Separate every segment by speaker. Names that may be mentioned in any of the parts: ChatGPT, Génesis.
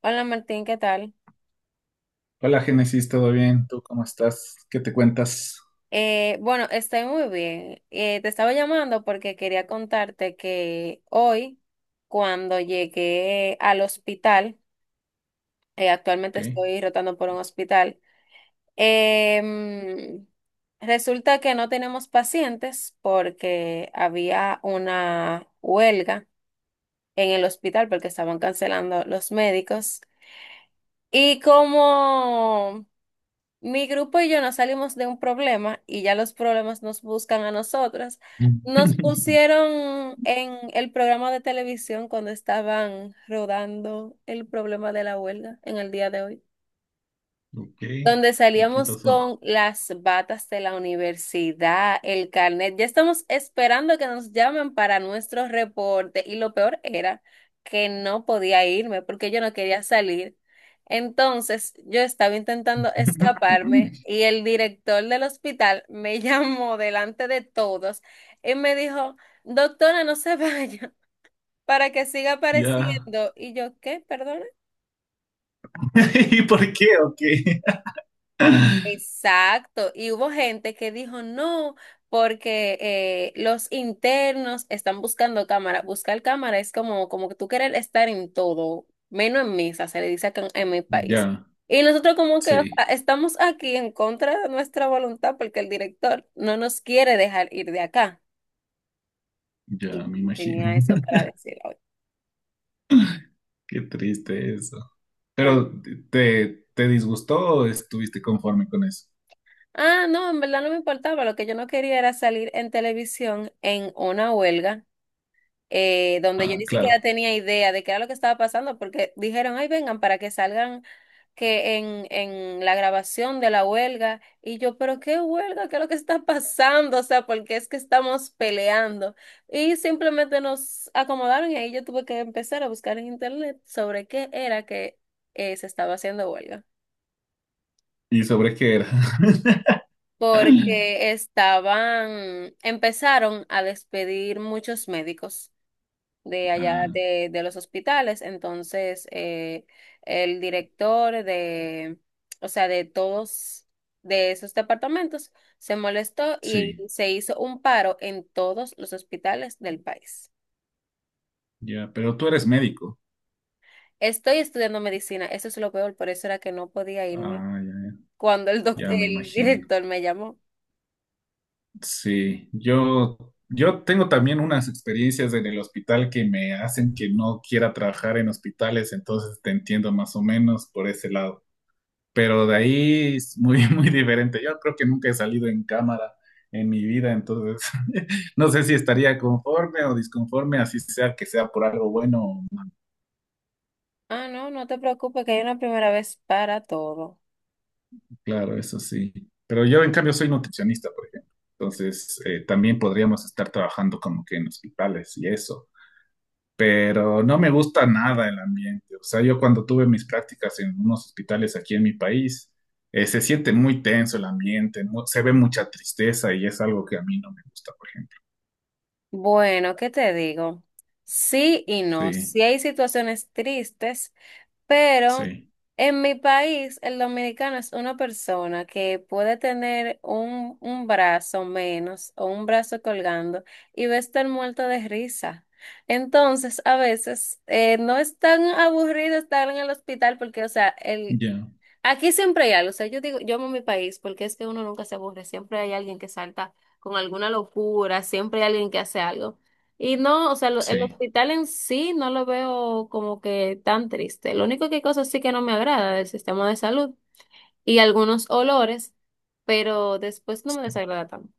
Speaker 1: Hola Martín, ¿qué tal?
Speaker 2: Hola Génesis, ¿todo bien? ¿Tú cómo estás? ¿Qué te cuentas?
Speaker 1: Bueno, Estoy muy bien. Te estaba llamando porque quería contarte que hoy, cuando llegué al hospital, actualmente
Speaker 2: Ok,
Speaker 1: estoy rotando por un hospital. em, Resulta que no tenemos pacientes porque había una huelga en el hospital porque estaban cancelando los médicos. Y como mi grupo y yo nos salimos de un problema, y ya los problemas nos buscan a nosotras. Nos pusieron en el programa de televisión cuando estaban rodando el problema de la huelga en el día de hoy,
Speaker 2: ok.
Speaker 1: donde
Speaker 2: ¿Y qué
Speaker 1: salíamos
Speaker 2: pasó?
Speaker 1: con las batas de la universidad, el carnet. Ya estamos esperando que nos llamen para nuestro reporte, y lo peor era que no podía irme porque yo no quería salir. Entonces yo estaba intentando escaparme y el director del hospital me llamó delante de todos y me dijo, doctora, no se vaya, para que siga
Speaker 2: Ya.
Speaker 1: apareciendo. Y yo, ¿qué? Perdón.
Speaker 2: ¿Y por qué? ¿Ok?
Speaker 1: Exacto, y hubo gente que dijo no, porque los internos están buscando cámara. Buscar cámara es como, como que tú quieres estar en todo, menos en misa, se le dice acá en mi país.
Speaker 2: Ya,
Speaker 1: Y nosotros como que ah,
Speaker 2: sí,
Speaker 1: estamos aquí en contra de nuestra voluntad porque el director no nos quiere dejar ir de acá.
Speaker 2: ya me
Speaker 1: Y
Speaker 2: imagino.
Speaker 1: tenía eso para decir hoy.
Speaker 2: Qué triste eso.
Speaker 1: Bueno,
Speaker 2: ¿Pero te disgustó o estuviste conforme con eso?
Speaker 1: ah, no, en verdad no me importaba, lo que yo no quería era salir en televisión en una huelga, donde yo
Speaker 2: Ah,
Speaker 1: ni siquiera
Speaker 2: claro.
Speaker 1: tenía idea de qué era lo que estaba pasando, porque dijeron, ay, vengan para que salgan en la grabación de la huelga, y yo, pero qué huelga, qué es lo que está pasando, o sea, porque es que estamos peleando. Y simplemente nos acomodaron y ahí yo tuve que empezar a buscar en internet sobre qué era que se estaba haciendo huelga.
Speaker 2: ¿Y sobre qué era?
Speaker 1: Porque estaban, empezaron a despedir muchos médicos
Speaker 2: Ah,
Speaker 1: de los hospitales. Entonces, el director de, o sea, de todos de esos departamentos se molestó y
Speaker 2: sí,
Speaker 1: se hizo un paro en todos los hospitales del país.
Speaker 2: ya. Pero tú eres médico.
Speaker 1: Estoy estudiando medicina, eso es lo peor, por eso era que no podía irme
Speaker 2: Ah, ya,
Speaker 1: cuando el
Speaker 2: ya me
Speaker 1: el
Speaker 2: imagino.
Speaker 1: director me llamó.
Speaker 2: Sí, yo tengo también unas experiencias en el hospital que me hacen que no quiera trabajar en hospitales, entonces te entiendo más o menos por ese lado. Pero de ahí es muy, muy diferente. Yo creo que nunca he salido en cámara en mi vida, entonces no sé si estaría conforme o disconforme, así sea que sea por algo bueno o no.
Speaker 1: Ah, no, no te preocupes, que hay una primera vez para todo.
Speaker 2: Claro, eso sí. Pero yo en cambio soy nutricionista, por ejemplo. Entonces también podríamos estar trabajando como que en hospitales y eso, pero no me gusta nada el ambiente. O sea, yo cuando tuve mis prácticas en unos hospitales aquí en mi país, se siente muy tenso el ambiente, se ve mucha tristeza y es algo que a mí no me gusta, por ejemplo.
Speaker 1: Bueno, ¿qué te digo? Sí y no.
Speaker 2: Sí,
Speaker 1: Sí hay situaciones tristes, pero
Speaker 2: sí,
Speaker 1: en mi país, el dominicano es una persona que puede tener un brazo menos o un brazo colgando, y va a estar muerto de risa. Entonces, a veces no es tan aburrido estar en el hospital porque, o sea, el,
Speaker 2: ya,
Speaker 1: aquí siempre hay algo, o sea, yo digo, yo amo mi país porque es que uno nunca se aburre, siempre hay alguien que salta con alguna locura, siempre hay alguien que hace algo. Y no, o sea, el
Speaker 2: sí,
Speaker 1: hospital en sí no lo veo como que tan triste. Lo único que hay cosas sí que no me agrada del sistema de salud y algunos olores, pero después no me desagrada tanto.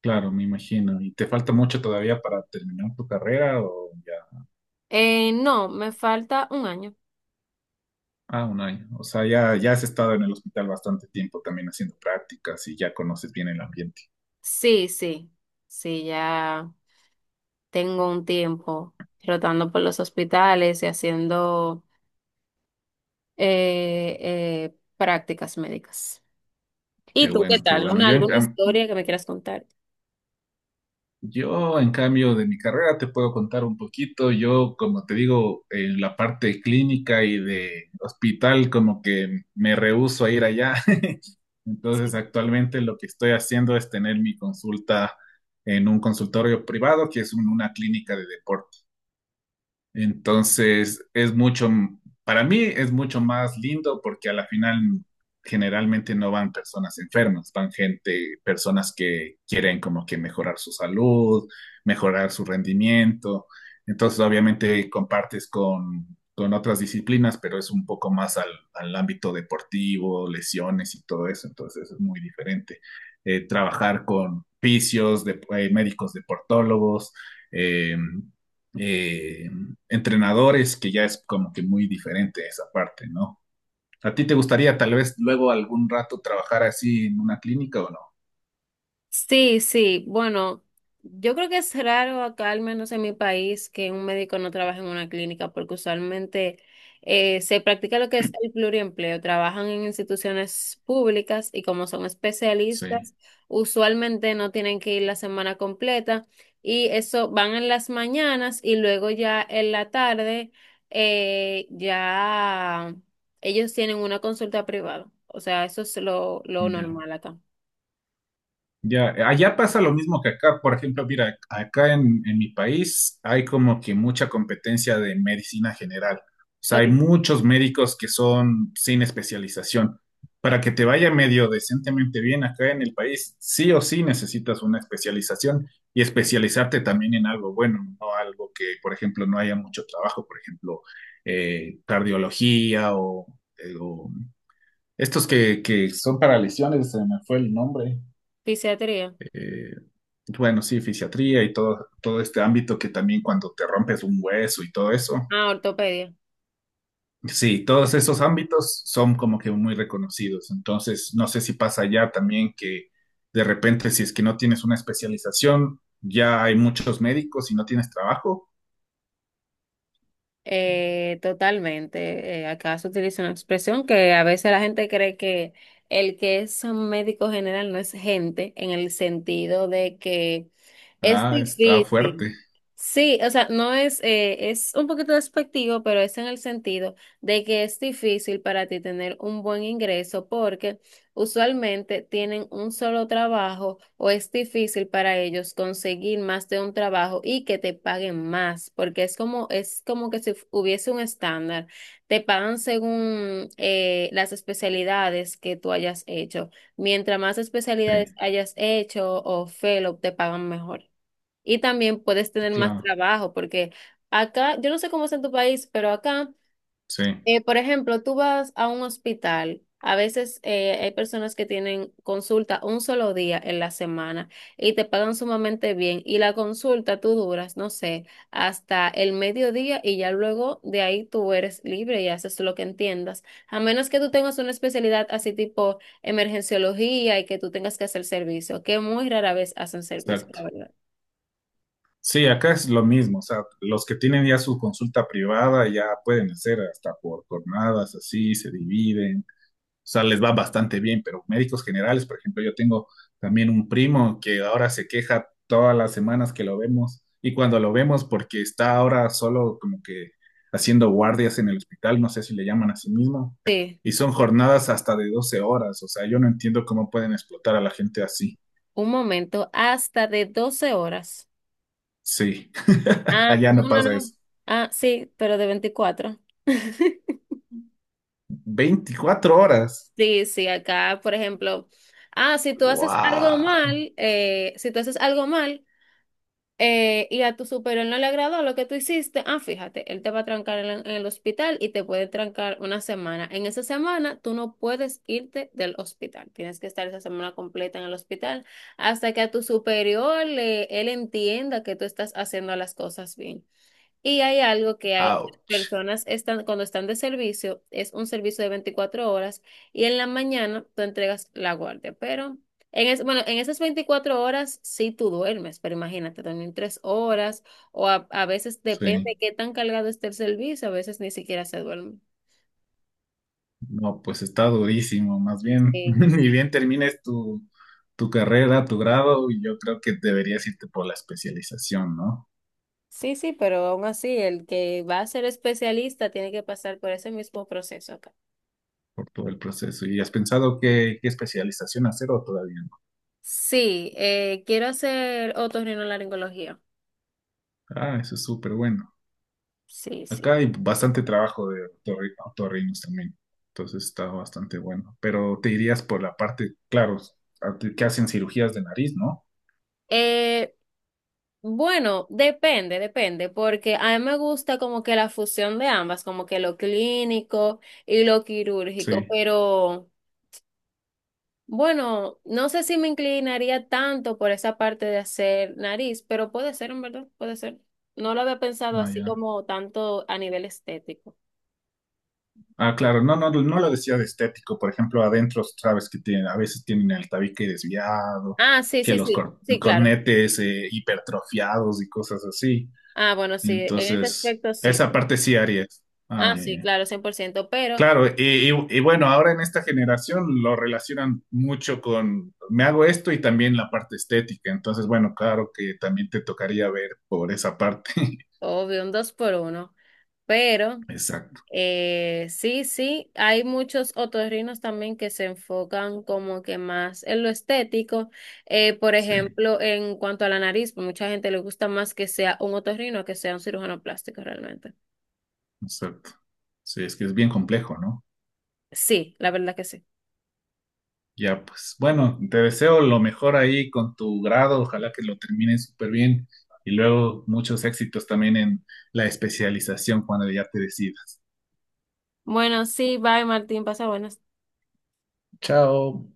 Speaker 2: claro, me imagino. ¿Y te falta mucho todavía para terminar tu carrera o ya?
Speaker 1: No, me falta 1 año.
Speaker 2: Ah, un año. O sea, ya, ya has estado en el hospital bastante tiempo también haciendo prácticas y ya conoces bien el ambiente.
Speaker 1: Sí, sí, sí, ya tengo un tiempo rotando por los hospitales y haciendo prácticas médicas.
Speaker 2: Qué
Speaker 1: ¿Y tú qué
Speaker 2: bueno, qué
Speaker 1: tal?
Speaker 2: bueno.
Speaker 1: ¿Una, alguna historia que me quieras contar?
Speaker 2: Yo, en cambio, de mi carrera te puedo contar un poquito. Yo, como te digo, en la parte clínica y de hospital, como que me rehúso a ir allá. Entonces, actualmente lo que estoy haciendo es tener mi consulta en un consultorio privado, que es una clínica de deporte. Entonces, para mí es mucho más lindo porque a la final generalmente no van personas enfermas, van gente, personas que quieren como que mejorar su salud, mejorar su rendimiento. Entonces, obviamente con otras disciplinas, pero es un poco al ámbito deportivo, lesiones y todo eso. Entonces, es muy diferente. Trabajar con fisios, de, médicos deportólogos, eh, eh, entrenadores, que ya es como que muy diferente esa parte, ¿no? ¿A ti te gustaría tal vez luego algún rato trabajar así en una clínica o no?
Speaker 1: Sí, sí, bueno, yo creo que es raro acá, al menos en mi país, que un médico no trabaje en una clínica, porque usualmente se practica lo que es el pluriempleo, trabajan en instituciones públicas y como son
Speaker 2: Sí,
Speaker 1: especialistas, usualmente no tienen que ir la semana completa y eso, van en las mañanas y luego ya en la tarde ya ellos tienen una consulta privada, o sea, eso es lo
Speaker 2: ya.
Speaker 1: normal acá.
Speaker 2: Ya, allá pasa lo mismo que acá. Por ejemplo, mira, acá en mi país hay como que mucha competencia de medicina general. O sea,
Speaker 1: Ok,
Speaker 2: hay muchos médicos que son sin especialización. Para que te vaya medio decentemente bien acá en el país, sí o sí necesitas una especialización y especializarte también en algo bueno, no algo que, por ejemplo, no haya mucho trabajo, por ejemplo, cardiología o estos que son para lesiones, se me fue el nombre.
Speaker 1: fisiatría.
Speaker 2: Eh, bueno, sí, fisiatría y todo, todo este ámbito que también cuando te rompes un hueso y todo eso.
Speaker 1: Ah, ortopedia.
Speaker 2: Sí, todos esos ámbitos son como que muy reconocidos. Entonces, no sé si pasa ya también que de repente, si es que no tienes una especialización, ya hay muchos médicos y no tienes trabajo.
Speaker 1: Totalmente. Acá se utiliza una expresión que a veces la gente cree que el que es un médico general no es gente, en el sentido de que es
Speaker 2: Ah, está
Speaker 1: difícil.
Speaker 2: fuerte.
Speaker 1: Sí, o sea, no es, es un poquito despectivo, pero es en el sentido de que es difícil para ti tener un buen ingreso porque usualmente tienen un solo trabajo o es difícil para ellos conseguir más de un trabajo y que te paguen más, porque es como que si hubiese un estándar. Te pagan según las especialidades que tú hayas hecho. Mientras más especialidades
Speaker 2: Sí,
Speaker 1: hayas hecho o fellow, te pagan mejor. Y también puedes tener más
Speaker 2: claro.
Speaker 1: trabajo, porque acá, yo no sé cómo es en tu país, pero acá...
Speaker 2: Sí,
Speaker 1: Por ejemplo, tú vas a un hospital. A veces hay personas que tienen consulta un solo día en la semana y te pagan sumamente bien. Y la consulta tú duras, no sé, hasta el mediodía y ya luego de ahí tú eres libre y haces lo que entiendas. A menos que tú tengas una especialidad así tipo emergenciología y que tú tengas que hacer servicio, que muy rara vez hacen servicio, la
Speaker 2: exacto.
Speaker 1: verdad.
Speaker 2: Sí, acá es lo mismo. O sea, los que tienen ya su consulta privada ya pueden hacer hasta por jornadas, así se dividen, o sea, les va bastante bien, pero médicos generales, por ejemplo, yo tengo también un primo que ahora se queja todas las semanas que lo vemos y cuando lo vemos porque está ahora solo como que haciendo guardias en el hospital, no sé si le llaman a sí mismo,
Speaker 1: Sí,
Speaker 2: y son jornadas hasta de 12 horas, o sea, yo no entiendo cómo pueden explotar a la gente así.
Speaker 1: un momento, hasta de 12 horas.
Speaker 2: Sí,
Speaker 1: Ah,
Speaker 2: allá
Speaker 1: no,
Speaker 2: no
Speaker 1: no,
Speaker 2: pasa
Speaker 1: no.
Speaker 2: eso.
Speaker 1: Ah, sí, pero de 24.
Speaker 2: 24 horas.
Speaker 1: Sí, sí, acá, por ejemplo, ah, si tú haces algo
Speaker 2: Wow,
Speaker 1: mal, si tú haces algo mal y a tu superior no le agradó lo que tú hiciste, ah, fíjate, él te va a trancar en el hospital y te puede trancar 1 semana. En esa semana tú no puedes irte del hospital, tienes que estar esa semana completa en el hospital hasta que a tu superior él entienda que tú estás haciendo las cosas bien. Y hay algo que hay, las
Speaker 2: ouch.
Speaker 1: personas están, cuando están de servicio, es un servicio de 24 horas y en la mañana tú entregas la guardia. Pero bueno, en esas 24 horas sí tú duermes, pero imagínate, dormir 3 horas o a veces depende
Speaker 2: Sí.
Speaker 1: de qué tan cargado esté el servicio, a veces ni siquiera se duerme.
Speaker 2: No, pues está durísimo, más bien,
Speaker 1: Sí.
Speaker 2: ni bien termines tu carrera, tu grado, y yo creo que deberías irte por la especialización, ¿no?
Speaker 1: Sí, sí, pero aún así, el que va a ser especialista tiene que pasar por ese mismo proceso acá.
Speaker 2: Por todo el proceso. ¿Y has pensado qué especialización hacer o todavía no?
Speaker 1: Sí, quiero hacer otorrinolaringología.
Speaker 2: Ah, eso es súper bueno.
Speaker 1: Sí, sí.
Speaker 2: Acá hay bastante trabajo de otorrinos también, entonces está bastante bueno. Pero te irías por la parte, claro, a ti que hacen cirugías de nariz, ¿no?
Speaker 1: Eh, bueno, depende, depende, porque a mí me gusta como que la fusión de ambas, como que lo clínico y lo quirúrgico,
Speaker 2: Sí,
Speaker 1: pero bueno, no sé si me inclinaría tanto por esa parte de hacer nariz, pero puede ser, en verdad, puede ser. No lo había pensado
Speaker 2: ah,
Speaker 1: así
Speaker 2: ya.
Speaker 1: como tanto a nivel estético.
Speaker 2: Ah, claro, no, no, no lo decía de estético. Por ejemplo, adentro sabes que tienen, a veces tienen el tabique desviado,
Speaker 1: Ah, sí,
Speaker 2: que
Speaker 1: sí,
Speaker 2: los
Speaker 1: sí, sí, claro.
Speaker 2: cornetes hipertrofiados y cosas así.
Speaker 1: Ah, bueno, sí, en ese
Speaker 2: Entonces,
Speaker 1: aspecto sí.
Speaker 2: esa parte sí harías. Ah,
Speaker 1: Ah,
Speaker 2: ya,
Speaker 1: sí,
Speaker 2: ya.
Speaker 1: claro, 100%, pero
Speaker 2: Claro, y bueno, ahora en esta generación lo relacionan mucho con me hago esto y también la parte estética. Entonces, bueno, claro que también te tocaría ver por esa parte.
Speaker 1: obvio, un 2x1. Pero
Speaker 2: Exacto,
Speaker 1: Sí, sí, hay muchos otorrinos también que se enfocan como que más en lo estético. Por
Speaker 2: sí,
Speaker 1: ejemplo, en cuanto a la nariz, mucha gente le gusta más que sea un otorrino que sea un cirujano plástico realmente.
Speaker 2: exacto. Sí, es que es bien complejo, ¿no?
Speaker 1: Sí, la verdad que sí.
Speaker 2: Ya, pues bueno, te deseo lo mejor ahí con tu grado, ojalá que lo termines súper bien y luego muchos éxitos también en la especialización cuando ya te decidas.
Speaker 1: Bueno, sí, bye Martín, pasa buenas.
Speaker 2: Chao.